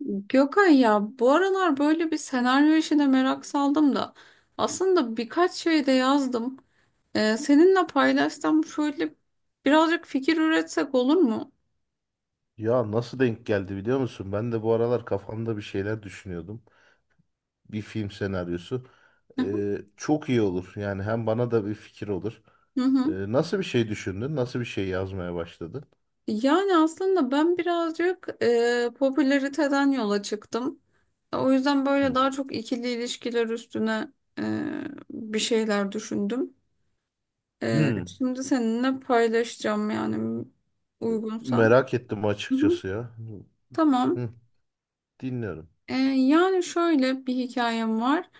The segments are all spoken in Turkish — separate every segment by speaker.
Speaker 1: Gökay ya bu aralar böyle bir senaryo işine merak saldım da aslında birkaç şey de yazdım. Seninle paylaşsam şöyle birazcık fikir üretsek olur mu?
Speaker 2: Ya nasıl denk geldi biliyor musun? Ben de bu aralar kafamda bir şeyler düşünüyordum. Bir film senaryosu.
Speaker 1: Hı hı.
Speaker 2: Çok iyi olur. Yani hem bana da bir fikir olur.
Speaker 1: Hı hı.
Speaker 2: Nasıl bir şey düşündün? Nasıl bir şey yazmaya başladın?
Speaker 1: Yani aslında ben birazcık popülariteden yola çıktım. O yüzden böyle
Speaker 2: Hı.
Speaker 1: daha çok ikili ilişkiler üstüne e, bir şeyler düşündüm.
Speaker 2: Hı.
Speaker 1: Şimdi seninle paylaşacağım yani uygunsam.
Speaker 2: Merak ettim
Speaker 1: Hı hı.
Speaker 2: açıkçası ya. Hı.
Speaker 1: Tamam.
Speaker 2: Hı. Dinliyorum.
Speaker 1: Yani şöyle bir hikayem var.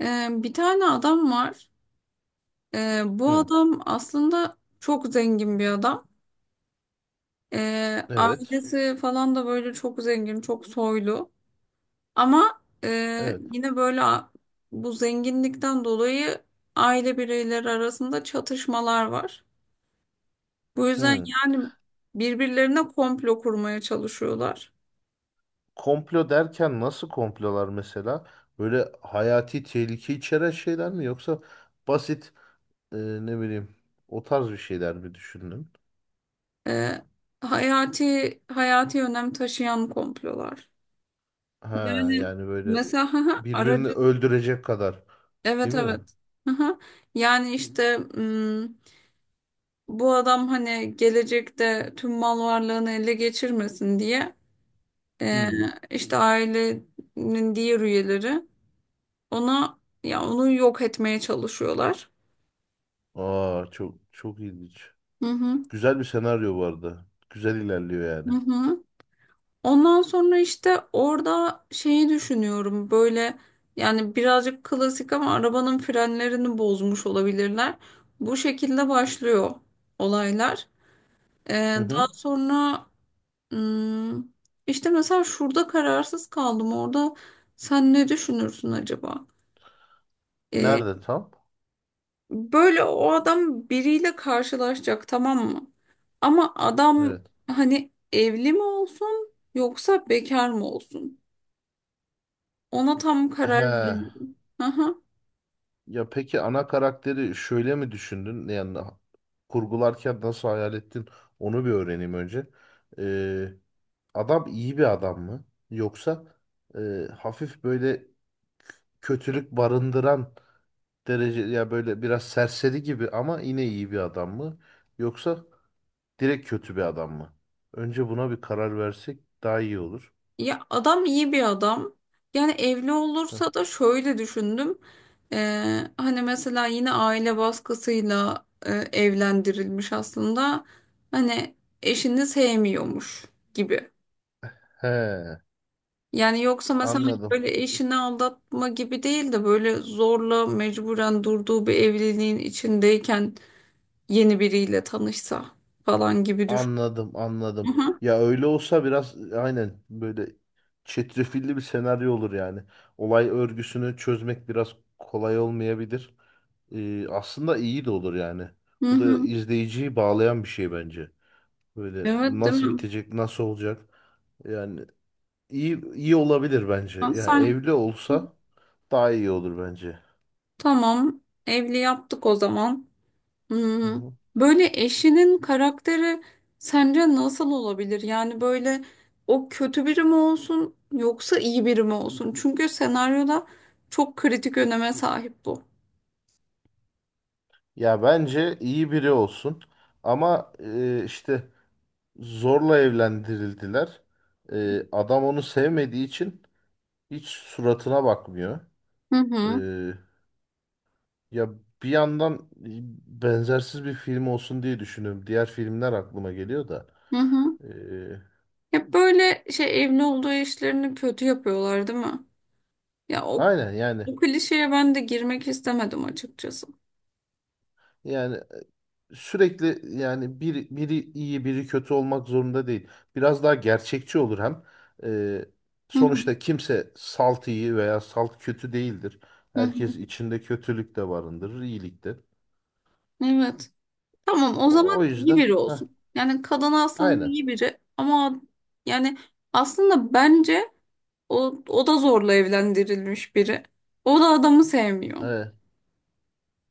Speaker 1: Bir tane adam var. Bu
Speaker 2: Hı.
Speaker 1: adam aslında çok zengin bir adam.
Speaker 2: Evet.
Speaker 1: Ailesi falan da böyle çok zengin, çok soylu. Ama
Speaker 2: Evet.
Speaker 1: yine böyle bu zenginlikten dolayı aile bireyleri arasında çatışmalar var. Bu yüzden
Speaker 2: Hı.
Speaker 1: yani birbirlerine komplo kurmaya çalışıyorlar.
Speaker 2: Komplo derken nasıl komplolar mesela? Böyle hayati tehlike içeren şeyler mi yoksa basit e, ne bileyim o tarz bir şeyler mi düşündün?
Speaker 1: Ee, Hayati hayati önem taşıyan komplolar.
Speaker 2: Ha
Speaker 1: Yani
Speaker 2: yani böyle
Speaker 1: mesela haha,
Speaker 2: birbirini
Speaker 1: aracın
Speaker 2: öldürecek kadar
Speaker 1: evet
Speaker 2: değil mi?
Speaker 1: evet. Haha. Yani işte bu adam hani gelecekte tüm mal varlığını ele geçirmesin diye, e,
Speaker 2: Hmm.
Speaker 1: işte ailenin diğer üyeleri ona ya onu yok etmeye çalışıyorlar.
Speaker 2: Aa çok çok ilginç.
Speaker 1: Hı hı.
Speaker 2: Güzel bir senaryo bu arada. Güzel ilerliyor yani.
Speaker 1: Hı hı. Ondan sonra işte orada şeyi düşünüyorum böyle, yani birazcık klasik ama arabanın frenlerini bozmuş olabilirler. Bu şekilde başlıyor olaylar.
Speaker 2: Hı
Speaker 1: Daha
Speaker 2: hı.
Speaker 1: sonra hmm, işte mesela şurada kararsız kaldım, orada sen ne düşünürsün acaba? Ee,
Speaker 2: Nerede tam?
Speaker 1: Böyle o adam biriyle karşılaşacak, tamam mı? Ama adam
Speaker 2: Evet.
Speaker 1: hani evli mi olsun yoksa bekar mı olsun? Ona tam karar
Speaker 2: He.
Speaker 1: veririm. Aha.
Speaker 2: Ya peki ana karakteri şöyle mi düşündün? Yani kurgularken nasıl hayal ettin? Onu bir öğreneyim önce. Ee, Adam iyi bir adam mı? Yoksa hafif böyle kötülük barındıran derece ya böyle biraz serseri gibi ama yine iyi bir adam mı? Yoksa direkt kötü bir adam mı? Önce buna bir karar versek daha iyi olur.
Speaker 1: Ya adam iyi bir adam. Yani evli
Speaker 2: Hı.
Speaker 1: olursa da şöyle düşündüm. Hani mesela yine aile baskısıyla evlendirilmiş aslında. Hani eşini sevmiyormuş gibi.
Speaker 2: He,
Speaker 1: Yani yoksa mesela hani
Speaker 2: anladım.
Speaker 1: böyle eşini aldatma gibi değil de böyle zorla mecburen durduğu bir evliliğin içindeyken yeni biriyle tanışsa falan gibi düşün.
Speaker 2: Anladım,
Speaker 1: Hı
Speaker 2: anladım.
Speaker 1: hı.
Speaker 2: Ya öyle olsa biraz aynen böyle çetrefilli bir senaryo olur yani. Olay örgüsünü çözmek biraz kolay olmayabilir. Aslında iyi de olur yani.
Speaker 1: Hı
Speaker 2: Bu da
Speaker 1: hı.
Speaker 2: izleyiciyi bağlayan bir şey bence. Böyle
Speaker 1: Evet değil
Speaker 2: nasıl
Speaker 1: mi?
Speaker 2: bitecek, nasıl olacak? Yani iyi olabilir bence.
Speaker 1: Ha,
Speaker 2: Yani
Speaker 1: sen.
Speaker 2: evli olsa daha iyi olur bence.
Speaker 1: Tamam, evli yaptık o zaman.
Speaker 2: Hı
Speaker 1: Hmm,
Speaker 2: hı.
Speaker 1: Böyle eşinin karakteri sence nasıl olabilir? Yani böyle o kötü biri mi olsun yoksa iyi biri mi olsun? Çünkü senaryoda çok kritik öneme sahip bu.
Speaker 2: Ya bence iyi biri olsun. Ama işte zorla evlendirildiler. Adam onu sevmediği için hiç suratına bakmıyor.
Speaker 1: Hı hı,
Speaker 2: E, ya Bir yandan e, benzersiz bir film olsun diye düşünüyorum. Diğer filmler aklıma geliyor da.
Speaker 1: hı hı.
Speaker 2: E,
Speaker 1: Hep böyle şey, evli olduğu eşlerini kötü yapıyorlar, değil mi? Ya o,
Speaker 2: aynen yani
Speaker 1: o klişeye ben de girmek istemedim açıkçası.
Speaker 2: Yani sürekli yani biri iyi biri kötü olmak zorunda değil. Biraz daha gerçekçi olur hem. E,
Speaker 1: Hı hı,
Speaker 2: Sonuçta kimse salt iyi veya salt kötü değildir.
Speaker 1: hı hı.
Speaker 2: Herkes içinde kötülük de barındırır, iyilik de.
Speaker 1: Evet. Tamam o
Speaker 2: O
Speaker 1: zaman iyi
Speaker 2: yüzden
Speaker 1: biri
Speaker 2: heh,
Speaker 1: olsun. Yani kadın aslında
Speaker 2: aynen.
Speaker 1: iyi biri ama yani aslında bence o da zorla evlendirilmiş biri. O da adamı sevmiyor.
Speaker 2: Evet,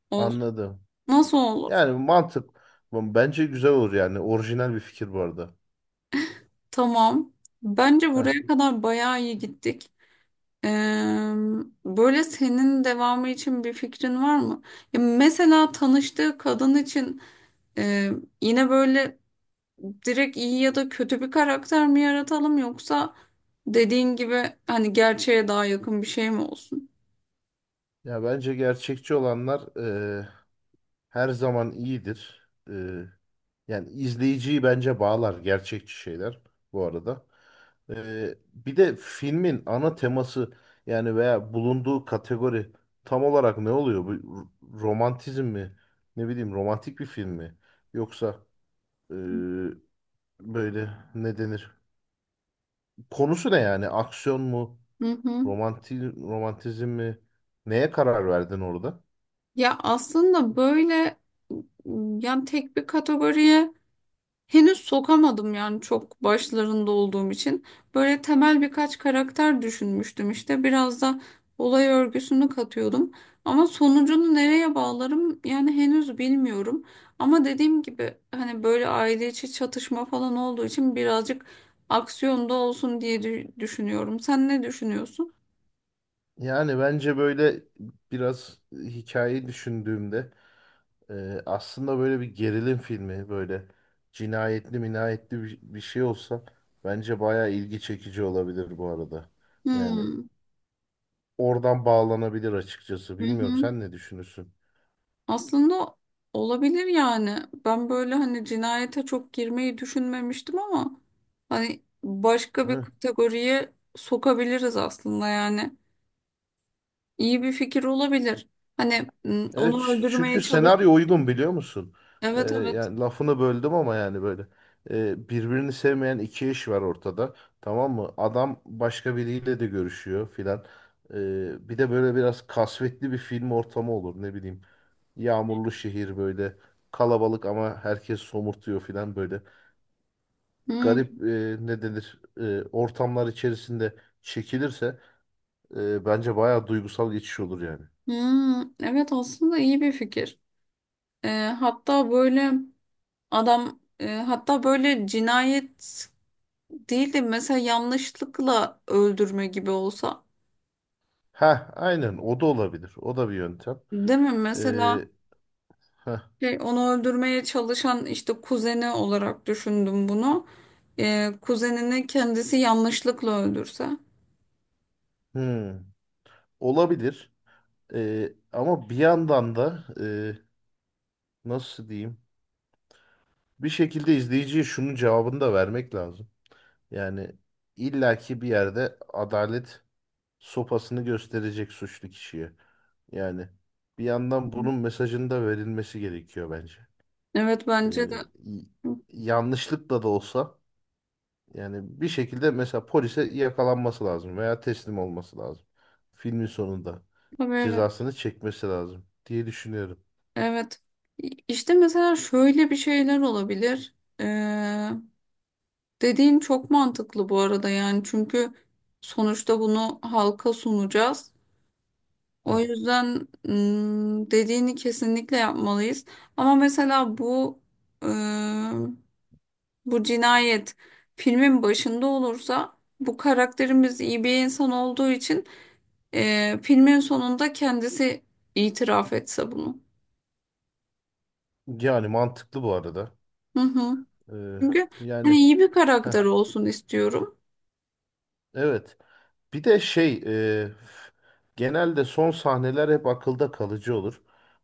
Speaker 1: O,
Speaker 2: anladım.
Speaker 1: nasıl olur?
Speaker 2: Yani mantık bence güzel olur yani. Orijinal bir fikir bu arada.
Speaker 1: Tamam. Bence
Speaker 2: Heh.
Speaker 1: buraya kadar bayağı iyi gittik. Ee, Böyle senin devamı için bir fikrin var mı? Ya mesela tanıştığı kadın için e, yine böyle direkt iyi ya da kötü bir karakter mi yaratalım yoksa dediğin gibi hani gerçeğe daha yakın bir şey mi olsun?
Speaker 2: Ya bence gerçekçi olanlar e, her zaman iyidir. Yani izleyiciyi bence bağlar gerçekçi şeyler bu arada. Bir de filmin ana teması yani veya bulunduğu kategori tam olarak ne oluyor? Romantizm mi? Ne bileyim romantik bir film mi? Yoksa ee, böyle ne denir? Konusu ne yani? Aksiyon mu?
Speaker 1: Hı hı.
Speaker 2: Romantizm mi? Neye karar verdin orada?
Speaker 1: Ya aslında böyle yani tek bir kategoriye henüz sokamadım yani çok başlarında olduğum için. Böyle temel birkaç karakter düşünmüştüm işte. Biraz da olay örgüsünü katıyordum. Ama sonucunu nereye bağlarım yani henüz bilmiyorum. Ama dediğim gibi hani böyle aile içi çatışma falan olduğu için birazcık aksiyonda olsun diye düşünüyorum. Sen ne düşünüyorsun?
Speaker 2: Yani bence böyle biraz hikayeyi düşündüğümde aslında böyle bir gerilim filmi böyle cinayetli minayetli bir şey olsa bence bayağı ilgi çekici olabilir bu arada. Yani
Speaker 1: Hmm.
Speaker 2: oradan bağlanabilir açıkçası.
Speaker 1: Hı
Speaker 2: Bilmiyorum
Speaker 1: hı.
Speaker 2: sen ne düşünürsün?
Speaker 1: Aslında olabilir yani. Ben böyle hani cinayete çok girmeyi düşünmemiştim ama hani başka bir kategoriye sokabiliriz aslında yani. İyi bir fikir olabilir. Hani
Speaker 2: Evet
Speaker 1: onu öldürmeye
Speaker 2: çünkü
Speaker 1: çalış.
Speaker 2: senaryo uygun biliyor musun?
Speaker 1: Evet evet.
Speaker 2: Yani lafını böldüm ama yani böyle birbirini sevmeyen iki eş var ortada tamam mı? Adam başka biriyle de görüşüyor filan. Bir de böyle biraz kasvetli bir film ortamı olur ne bileyim. Yağmurlu şehir böyle kalabalık ama herkes somurtuyor filan böyle.
Speaker 1: Hmm,
Speaker 2: Garip ne denir ortamlar içerisinde çekilirse bence bayağı duygusal geçiş olur yani.
Speaker 1: hmm. Evet aslında iyi bir fikir. Ee, Hatta böyle adam hatta böyle cinayet değil de mesela yanlışlıkla öldürme gibi olsa.
Speaker 2: Ha aynen o da olabilir. O da bir yöntem.
Speaker 1: Değil mi? Mesela
Speaker 2: Ee, heh,
Speaker 1: şey, onu öldürmeye çalışan işte kuzeni olarak düşündüm bunu. Kuzenini kendisi yanlışlıkla öldürse.
Speaker 2: hmm, olabilir. Ama bir yandan da nasıl diyeyim? Bir şekilde izleyiciye şunun cevabını da vermek lazım. Yani illaki bir yerde adalet sopasını gösterecek suçlu kişiye. Yani bir yandan bunun mesajının da verilmesi gerekiyor bence.
Speaker 1: Evet bence de.
Speaker 2: Ee, y- Yanlışlıkla da olsa. Yani bir şekilde mesela polise yakalanması lazım veya teslim olması lazım. Filmin sonunda
Speaker 1: Tabii evet.
Speaker 2: cezasını çekmesi lazım diye düşünüyorum.
Speaker 1: Evet. İşte mesela şöyle bir şeyler olabilir. Ee, Dediğin çok mantıklı bu arada yani çünkü sonuçta bunu halka sunacağız. O
Speaker 2: Hı.
Speaker 1: yüzden dediğini kesinlikle yapmalıyız. Ama mesela bu, bu cinayet filmin başında olursa bu karakterimiz iyi bir insan olduğu için filmin sonunda kendisi itiraf etse bunu.
Speaker 2: Yani mantıklı bu arada.
Speaker 1: Hı hı.
Speaker 2: Ee,
Speaker 1: Çünkü hani
Speaker 2: yani
Speaker 1: iyi bir
Speaker 2: heh,
Speaker 1: karakter olsun istiyorum.
Speaker 2: evet. Bir de şey e, f- genelde son sahneler hep akılda kalıcı olur.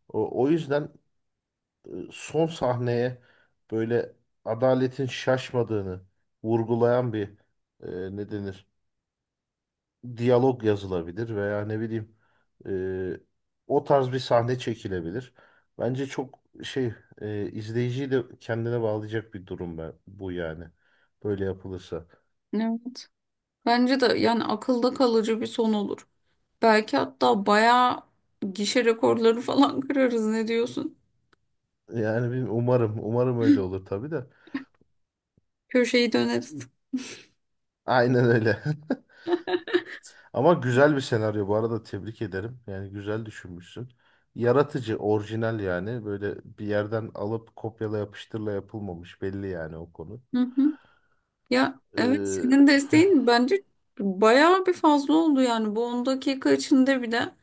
Speaker 2: O yüzden son sahneye böyle adaletin şaşmadığını vurgulayan bir ne denir? Diyalog yazılabilir veya ne bileyim e, o tarz bir sahne çekilebilir. Bence çok şey e, izleyiciyi de kendine bağlayacak bir durum bu yani. Böyle yapılırsa.
Speaker 1: Evet. Bence de yani akılda kalıcı bir son olur. Belki hatta bayağı gişe rekorları falan kırarız, ne diyorsun?
Speaker 2: Yani bilmiyorum, umarım öyle olur tabii de.
Speaker 1: Köşeyi döneriz.
Speaker 2: Aynen öyle. Ama güzel bir senaryo bu arada tebrik ederim. Yani güzel düşünmüşsün. Yaratıcı, orijinal yani. Böyle bir yerden alıp kopyala yapıştırla yapılmamış belli yani o konu.
Speaker 1: Hı hı. Ya evet,
Speaker 2: Ee,
Speaker 1: senin desteğin bence bayağı bir fazla oldu yani bu 10 dakika içinde, bir de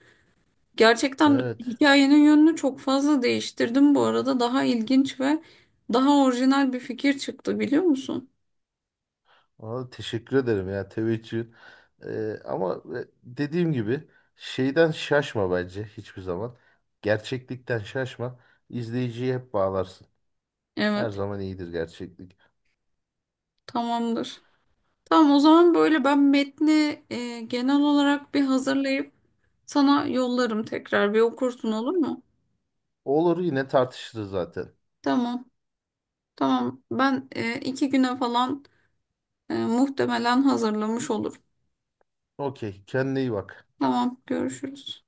Speaker 1: gerçekten
Speaker 2: evet.
Speaker 1: hikayenin yönünü çok fazla değiştirdim bu arada, daha ilginç ve daha orijinal bir fikir çıktı, biliyor musun?
Speaker 2: Valla teşekkür ederim ya teveccühün. Dediğim gibi şeyden şaşma bence hiçbir zaman. Gerçeklikten şaşma. İzleyiciyi hep bağlarsın. Her
Speaker 1: Evet,
Speaker 2: zaman iyidir gerçeklik.
Speaker 1: tamamdır. Tamam o zaman böyle ben metni genel olarak bir hazırlayıp sana yollarım, tekrar bir okursun olur mu?
Speaker 2: Olur yine tartışırız zaten.
Speaker 1: Tamam. Tamam. Ben 2 güne falan muhtemelen hazırlamış olurum.
Speaker 2: Okey kendine iyi bak.
Speaker 1: Tamam. Görüşürüz.